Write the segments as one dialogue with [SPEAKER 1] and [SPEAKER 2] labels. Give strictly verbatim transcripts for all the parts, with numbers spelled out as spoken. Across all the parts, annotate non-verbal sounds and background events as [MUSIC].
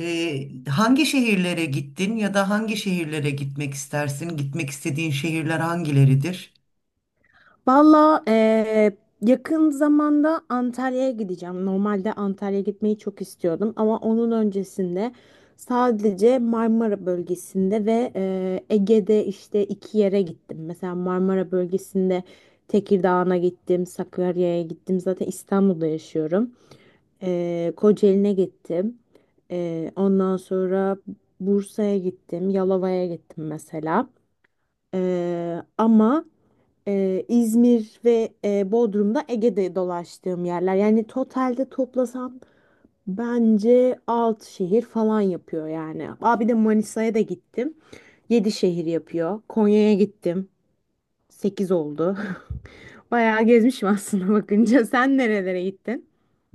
[SPEAKER 1] Ee, hangi şehirlere gittin ya da hangi şehirlere gitmek istersin? Gitmek istediğin şehirler hangileridir?
[SPEAKER 2] Valla eee, yakın zamanda Antalya'ya gideceğim. Normalde Antalya'ya gitmeyi çok istiyordum ama onun öncesinde sadece Marmara bölgesinde ve eee, Ege'de işte iki yere gittim. Mesela Marmara bölgesinde Tekirdağ'a gittim, Sakarya'ya gittim. Zaten İstanbul'da yaşıyorum. Eee Kocaeli'ne gittim. Eee, ondan sonra Bursa'ya gittim, Yalova'ya gittim mesela. Eee, ama e, İzmir ve e, Bodrum'da Ege'de dolaştığım yerler. Yani totalde toplasam bence altı şehir falan yapıyor yani. Abi de Manisa'ya da gittim. Yedi şehir yapıyor. Konya'ya gittim. Sekiz oldu. [LAUGHS] Bayağı gezmişim aslında bakınca. Sen nerelere gittin?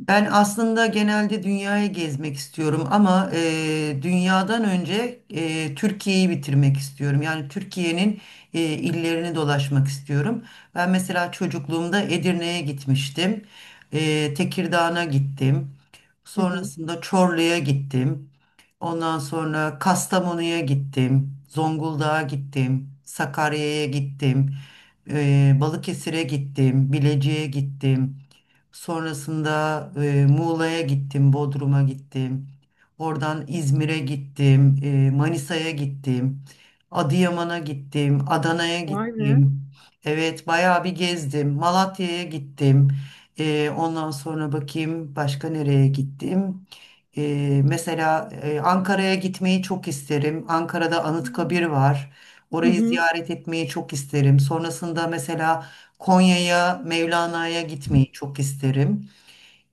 [SPEAKER 1] Ben aslında genelde dünyayı gezmek istiyorum ama e, dünyadan önce e, Türkiye'yi bitirmek istiyorum. Yani Türkiye'nin e, illerini dolaşmak istiyorum. Ben mesela çocukluğumda Edirne'ye gitmiştim. E, Tekirdağ'a gittim.
[SPEAKER 2] Hı hı.
[SPEAKER 1] Sonrasında Çorlu'ya gittim. Ondan sonra Kastamonu'ya gittim, Zonguldak'a gittim, Sakarya'ya gittim, eee, Balıkesir'e gittim, Bilecik'e gittim. Sonrasında e, Muğla'ya gittim, Bodrum'a gittim. Oradan İzmir'e gittim, e, Manisa'ya gittim, Adıyaman'a gittim, Adana'ya
[SPEAKER 2] Vay be.
[SPEAKER 1] gittim. Evet, bayağı bir gezdim. Malatya'ya gittim. E, ondan sonra bakayım başka nereye gittim. E, mesela e, Ankara'ya gitmeyi çok isterim. Ankara'da Anıtkabir var.
[SPEAKER 2] Hı
[SPEAKER 1] Orayı
[SPEAKER 2] hı.
[SPEAKER 1] ziyaret etmeyi çok isterim. Sonrasında mesela Konya'ya, Mevlana'ya gitmeyi çok isterim.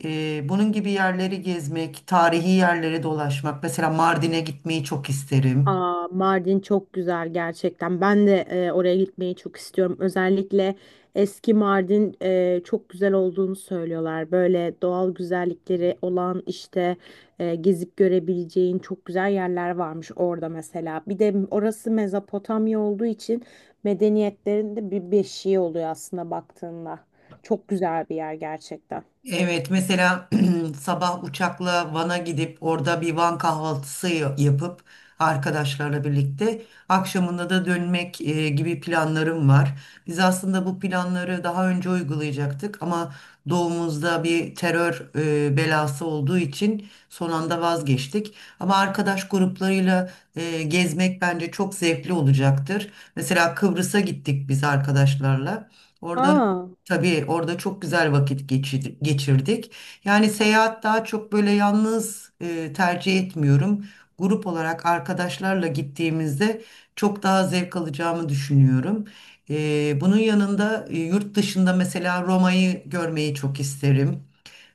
[SPEAKER 1] Ee, bunun gibi yerleri gezmek, tarihi yerlere dolaşmak. Mesela Mardin'e gitmeyi çok isterim.
[SPEAKER 2] Aa, Mardin çok güzel gerçekten. Ben de e, oraya gitmeyi çok istiyorum. Özellikle eski Mardin e, çok güzel olduğunu söylüyorlar. Böyle doğal güzellikleri olan işte e, gezip görebileceğin çok güzel yerler varmış orada mesela. Bir de orası Mezopotamya olduğu için medeniyetlerin de bir beşiği oluyor aslında baktığında. Çok güzel bir yer gerçekten.
[SPEAKER 1] Evet mesela [CLEARS THROAT] sabah uçakla Van'a gidip orada bir Van kahvaltısı ya- yapıp arkadaşlarla birlikte akşamında da dönmek e, gibi planlarım var. Biz aslında bu planları daha önce uygulayacaktık ama doğumuzda bir terör e, belası olduğu için son anda vazgeçtik. Ama arkadaş gruplarıyla e, gezmek bence çok zevkli olacaktır. Mesela Kıbrıs'a gittik biz arkadaşlarla. Orada
[SPEAKER 2] Aa.
[SPEAKER 1] tabii orada çok güzel vakit geçir- geçirdik. Yani seyahat daha çok böyle yalnız e, tercih etmiyorum. Grup olarak arkadaşlarla gittiğimizde çok daha zevk alacağımı düşünüyorum. E, bunun yanında e, yurt dışında mesela Roma'yı görmeyi çok isterim.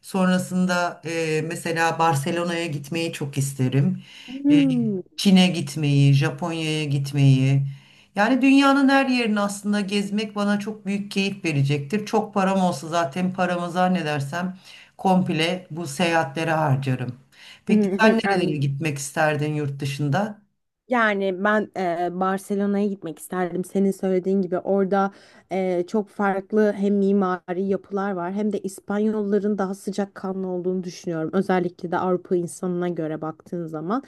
[SPEAKER 1] Sonrasında e, mesela Barcelona'ya gitmeyi çok isterim. E, Hmm.
[SPEAKER 2] Hmm.
[SPEAKER 1] Çin'e gitmeyi, Japonya'ya gitmeyi. Yani dünyanın her yerini aslında gezmek bana çok büyük keyif verecektir. Çok param olsa zaten paramı zannedersem komple bu seyahatlere harcarım.
[SPEAKER 2] Hı
[SPEAKER 1] Peki sen
[SPEAKER 2] hı,
[SPEAKER 1] nerelere
[SPEAKER 2] anladım.
[SPEAKER 1] gitmek isterdin yurt dışında?
[SPEAKER 2] Yani ben e, Barcelona'ya gitmek isterdim. Senin söylediğin gibi orada e, çok farklı hem mimari yapılar var hem de İspanyolların daha sıcakkanlı olduğunu düşünüyorum. Özellikle de Avrupa insanına göre baktığın zaman.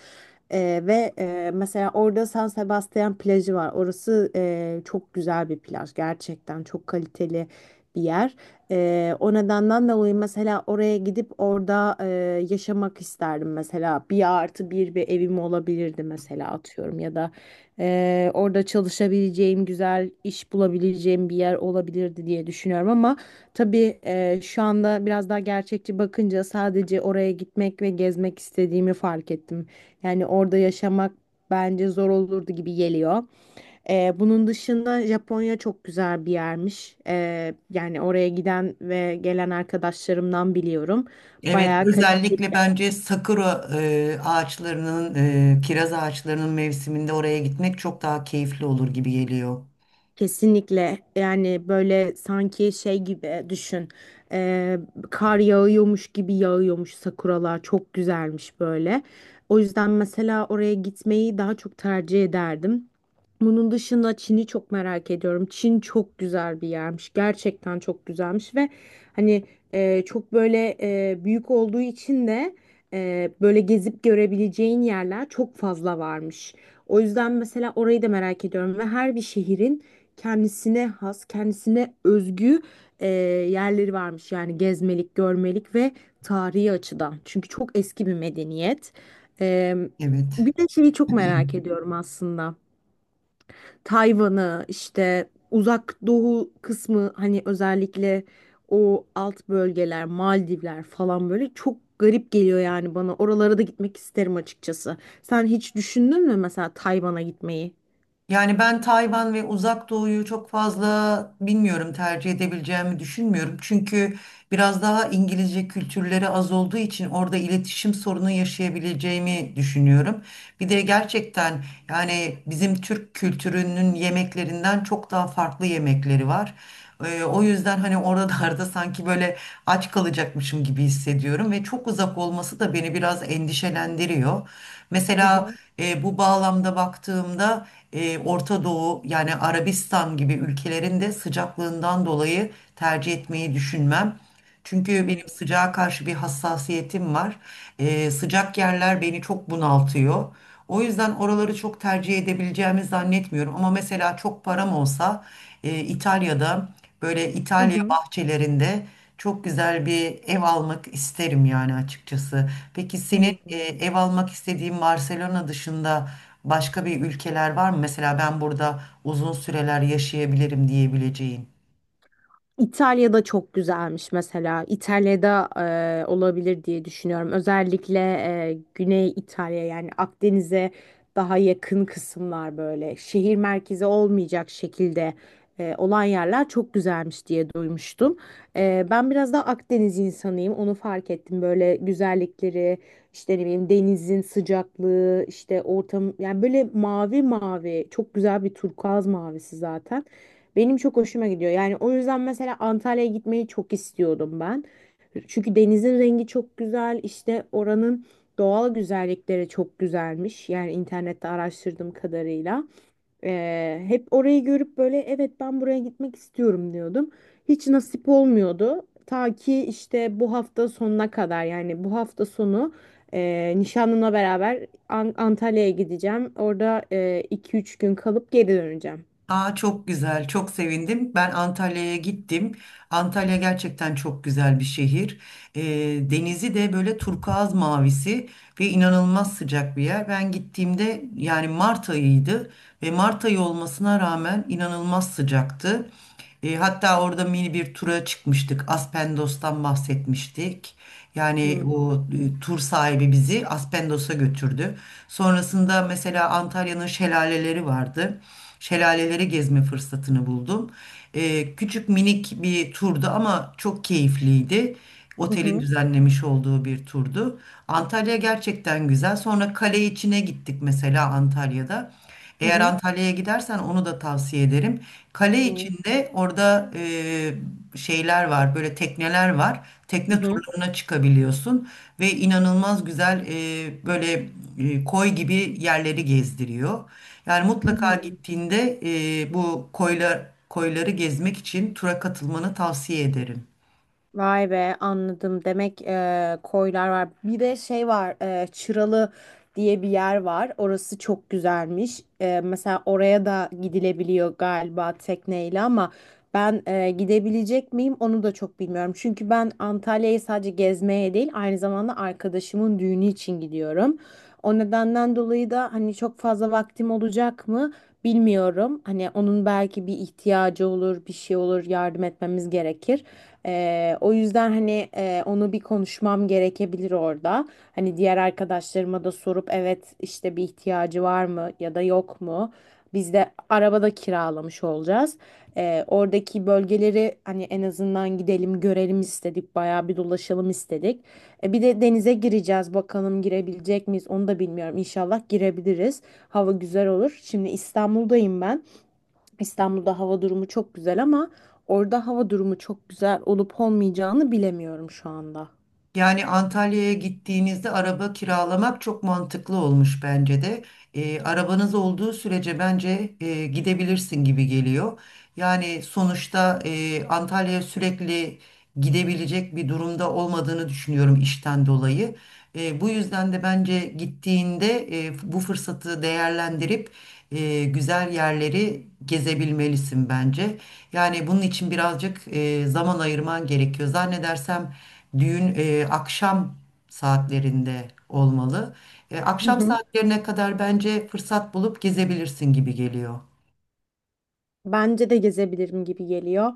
[SPEAKER 2] E, ve e, mesela orada San Sebastian plajı var. Orası e, çok güzel bir plaj. Gerçekten çok kaliteli bir yer. Ee, o nedenden dolayı mesela oraya gidip orada e, yaşamak isterdim mesela bir artı bir bir evim olabilirdi mesela atıyorum ya da e, orada çalışabileceğim güzel iş bulabileceğim bir yer olabilirdi diye düşünüyorum ama tabii e, şu anda biraz daha gerçekçi bakınca sadece oraya gitmek ve gezmek istediğimi fark ettim yani orada yaşamak bence zor olurdu gibi geliyor. Ee, bunun dışında Japonya çok güzel bir yermiş. Ee, yani oraya giden ve gelen arkadaşlarımdan biliyorum.
[SPEAKER 1] Evet,
[SPEAKER 2] Bayağı kaliteli.
[SPEAKER 1] özellikle bence sakura e, ağaçlarının, e, kiraz ağaçlarının mevsiminde oraya gitmek çok daha keyifli olur gibi geliyor.
[SPEAKER 2] Kesinlikle, yani böyle sanki şey gibi düşün. Ee, Kar yağıyormuş gibi yağıyormuş sakuralar çok güzelmiş böyle. O yüzden mesela oraya gitmeyi daha çok tercih ederdim. Bunun dışında Çin'i çok merak ediyorum. Çin çok güzel bir yermiş gerçekten çok güzelmiş ve hani e, çok böyle e, büyük olduğu için de e, böyle gezip görebileceğin yerler çok fazla varmış. O yüzden mesela orayı da merak ediyorum ve her bir şehrin kendisine has, kendisine özgü e, yerleri varmış. Yani gezmelik, görmelik ve tarihi açıdan. Çünkü çok eski bir medeniyet. E,
[SPEAKER 1] Evet.
[SPEAKER 2] bir de şeyi çok merak ediyorum aslında. Tayvan'ı işte Uzak Doğu kısmı hani özellikle o alt bölgeler, Maldivler falan böyle çok garip geliyor yani bana. Oralara da gitmek isterim açıkçası. Sen hiç düşündün mü mesela Tayvan'a gitmeyi?
[SPEAKER 1] Yani ben Tayvan ve Uzak Doğu'yu çok fazla bilmiyorum, tercih edebileceğimi düşünmüyorum. Çünkü biraz daha İngilizce kültürleri az olduğu için orada iletişim sorunu yaşayabileceğimi düşünüyorum. Bir de gerçekten yani bizim Türk kültürünün yemeklerinden çok daha farklı yemekleri var. Ee, o yüzden hani oralarda [LAUGHS] sanki böyle aç kalacakmışım gibi hissediyorum ve çok uzak olması da beni biraz endişelendiriyor.
[SPEAKER 2] Hı
[SPEAKER 1] Mesela
[SPEAKER 2] hı.
[SPEAKER 1] e, bu bağlamda baktığımda e, Orta Doğu yani Arabistan gibi ülkelerin de sıcaklığından dolayı tercih tercih etmeyi düşünmem. Çünkü
[SPEAKER 2] Hıı.
[SPEAKER 1] benim sıcağa karşı bir hassasiyetim var. Ee, sıcak yerler beni çok bunaltıyor. O yüzden oraları çok tercih edebileceğimi zannetmiyorum. Ama mesela çok param olsa e, İtalya'da böyle
[SPEAKER 2] Hı
[SPEAKER 1] İtalya
[SPEAKER 2] hı.
[SPEAKER 1] bahçelerinde çok güzel bir ev almak isterim yani açıkçası. Peki senin e, ev almak istediğin Barcelona dışında başka bir ülkeler var mı? Mesela ben burada uzun süreler yaşayabilirim diyebileceğin.
[SPEAKER 2] İtalya'da çok güzelmiş mesela. İtalya'da e, olabilir diye düşünüyorum. Özellikle e, Güney İtalya yani Akdeniz'e daha yakın kısımlar böyle şehir merkezi olmayacak şekilde e, olan yerler çok güzelmiş diye duymuştum. E, ben biraz daha Akdeniz insanıyım. Onu fark ettim. Böyle güzellikleri, işte ne bileyim denizin sıcaklığı, işte ortam yani böyle mavi mavi çok güzel bir turkuaz mavisi zaten. Benim çok hoşuma gidiyor. Yani o yüzden mesela Antalya'ya gitmeyi çok istiyordum ben. Çünkü denizin rengi çok güzel. İşte oranın doğal güzellikleri çok güzelmiş. Yani internette araştırdığım kadarıyla. Ee, hep orayı görüp böyle evet ben buraya gitmek istiyorum diyordum. Hiç nasip olmuyordu. Ta ki işte bu hafta sonuna kadar yani bu hafta sonu e, nişanlımla beraber An- Antalya'ya gideceğim. Orada iki üç gün kalıp geri döneceğim.
[SPEAKER 1] Aa, çok güzel, çok sevindim. Ben Antalya'ya gittim. Antalya gerçekten çok güzel bir şehir. Ee, denizi de böyle turkuaz mavisi ve inanılmaz sıcak bir yer. Ben gittiğimde yani Mart ayıydı ve Mart ayı olmasına rağmen inanılmaz sıcaktı. E, hatta orada mini bir tura çıkmıştık. Aspendos'tan bahsetmiştik. Yani
[SPEAKER 2] Hı
[SPEAKER 1] o e, tur sahibi bizi Aspendos'a götürdü. Sonrasında mesela Antalya'nın şelaleleri vardı. Şelaleleri gezme fırsatını buldum. E, küçük minik bir turdu ama çok keyifliydi.
[SPEAKER 2] hı
[SPEAKER 1] Otelin
[SPEAKER 2] hı.
[SPEAKER 1] düzenlemiş olduğu bir turdu. Antalya gerçekten güzel. Sonra kale içine gittik mesela Antalya'da. Eğer
[SPEAKER 2] Hı.
[SPEAKER 1] Antalya'ya gidersen onu da tavsiye ederim. Kale
[SPEAKER 2] Hı
[SPEAKER 1] içinde orada e, şeyler var, böyle tekneler var. Tekne
[SPEAKER 2] hı.
[SPEAKER 1] turlarına çıkabiliyorsun ve inanılmaz güzel e, böyle e, koy gibi yerleri gezdiriyor. Yani mutlaka
[SPEAKER 2] Hı.
[SPEAKER 1] gittiğinde e, bu koylar koyları gezmek için tura katılmanı tavsiye ederim.
[SPEAKER 2] Vay be, anladım. Demek e, koylar var. Bir de şey var, e, Çıralı diye bir yer var. Orası çok güzelmiş. E, mesela oraya da gidilebiliyor galiba tekneyle ama ben e, gidebilecek miyim onu da çok bilmiyorum. Çünkü ben Antalya'yı sadece gezmeye değil aynı zamanda arkadaşımın düğünü için gidiyorum. O nedenden dolayı da hani çok fazla vaktim olacak mı bilmiyorum. Hani onun belki bir ihtiyacı olur, bir şey olur, yardım etmemiz gerekir. Ee, o yüzden hani e, onu bir konuşmam gerekebilir orada. Hani diğer arkadaşlarıma da sorup evet işte bir ihtiyacı var mı ya da yok mu? Biz de arabada kiralamış olacağız. Ee, oradaki bölgeleri hani en azından gidelim görelim istedik. Bayağı bir dolaşalım istedik. E, bir de denize gireceğiz. Bakalım girebilecek miyiz? Onu da bilmiyorum. İnşallah girebiliriz. Hava güzel olur. Şimdi İstanbul'dayım ben. İstanbul'da hava durumu çok güzel ama orada hava durumu çok güzel olup olmayacağını bilemiyorum şu anda.
[SPEAKER 1] Yani Antalya'ya gittiğinizde araba kiralamak çok mantıklı olmuş bence de. E, arabanız olduğu sürece bence e, gidebilirsin gibi geliyor. Yani sonuçta e, Antalya'ya sürekli gidebilecek bir durumda olmadığını düşünüyorum işten dolayı. E, bu yüzden de bence gittiğinde e, bu fırsatı değerlendirip e, güzel yerleri gezebilmelisin bence. Yani bunun için birazcık e, zaman ayırman gerekiyor. Zannedersem düğün e, akşam saatlerinde olmalı. E,
[SPEAKER 2] Hı
[SPEAKER 1] akşam
[SPEAKER 2] hı.
[SPEAKER 1] saatlerine kadar bence fırsat bulup gezebilirsin gibi geliyor.
[SPEAKER 2] Bence de gezebilirim gibi geliyor.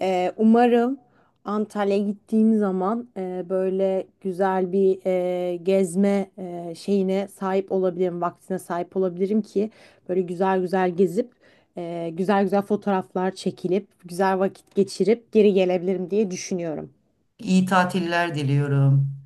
[SPEAKER 2] Ee, umarım Antalya'ya gittiğim zaman e, böyle güzel bir e, gezme e, şeyine sahip olabilirim, vaktine sahip olabilirim ki böyle güzel güzel gezip e, güzel güzel fotoğraflar çekilip güzel vakit geçirip geri gelebilirim diye düşünüyorum.
[SPEAKER 1] İyi tatiller diliyorum.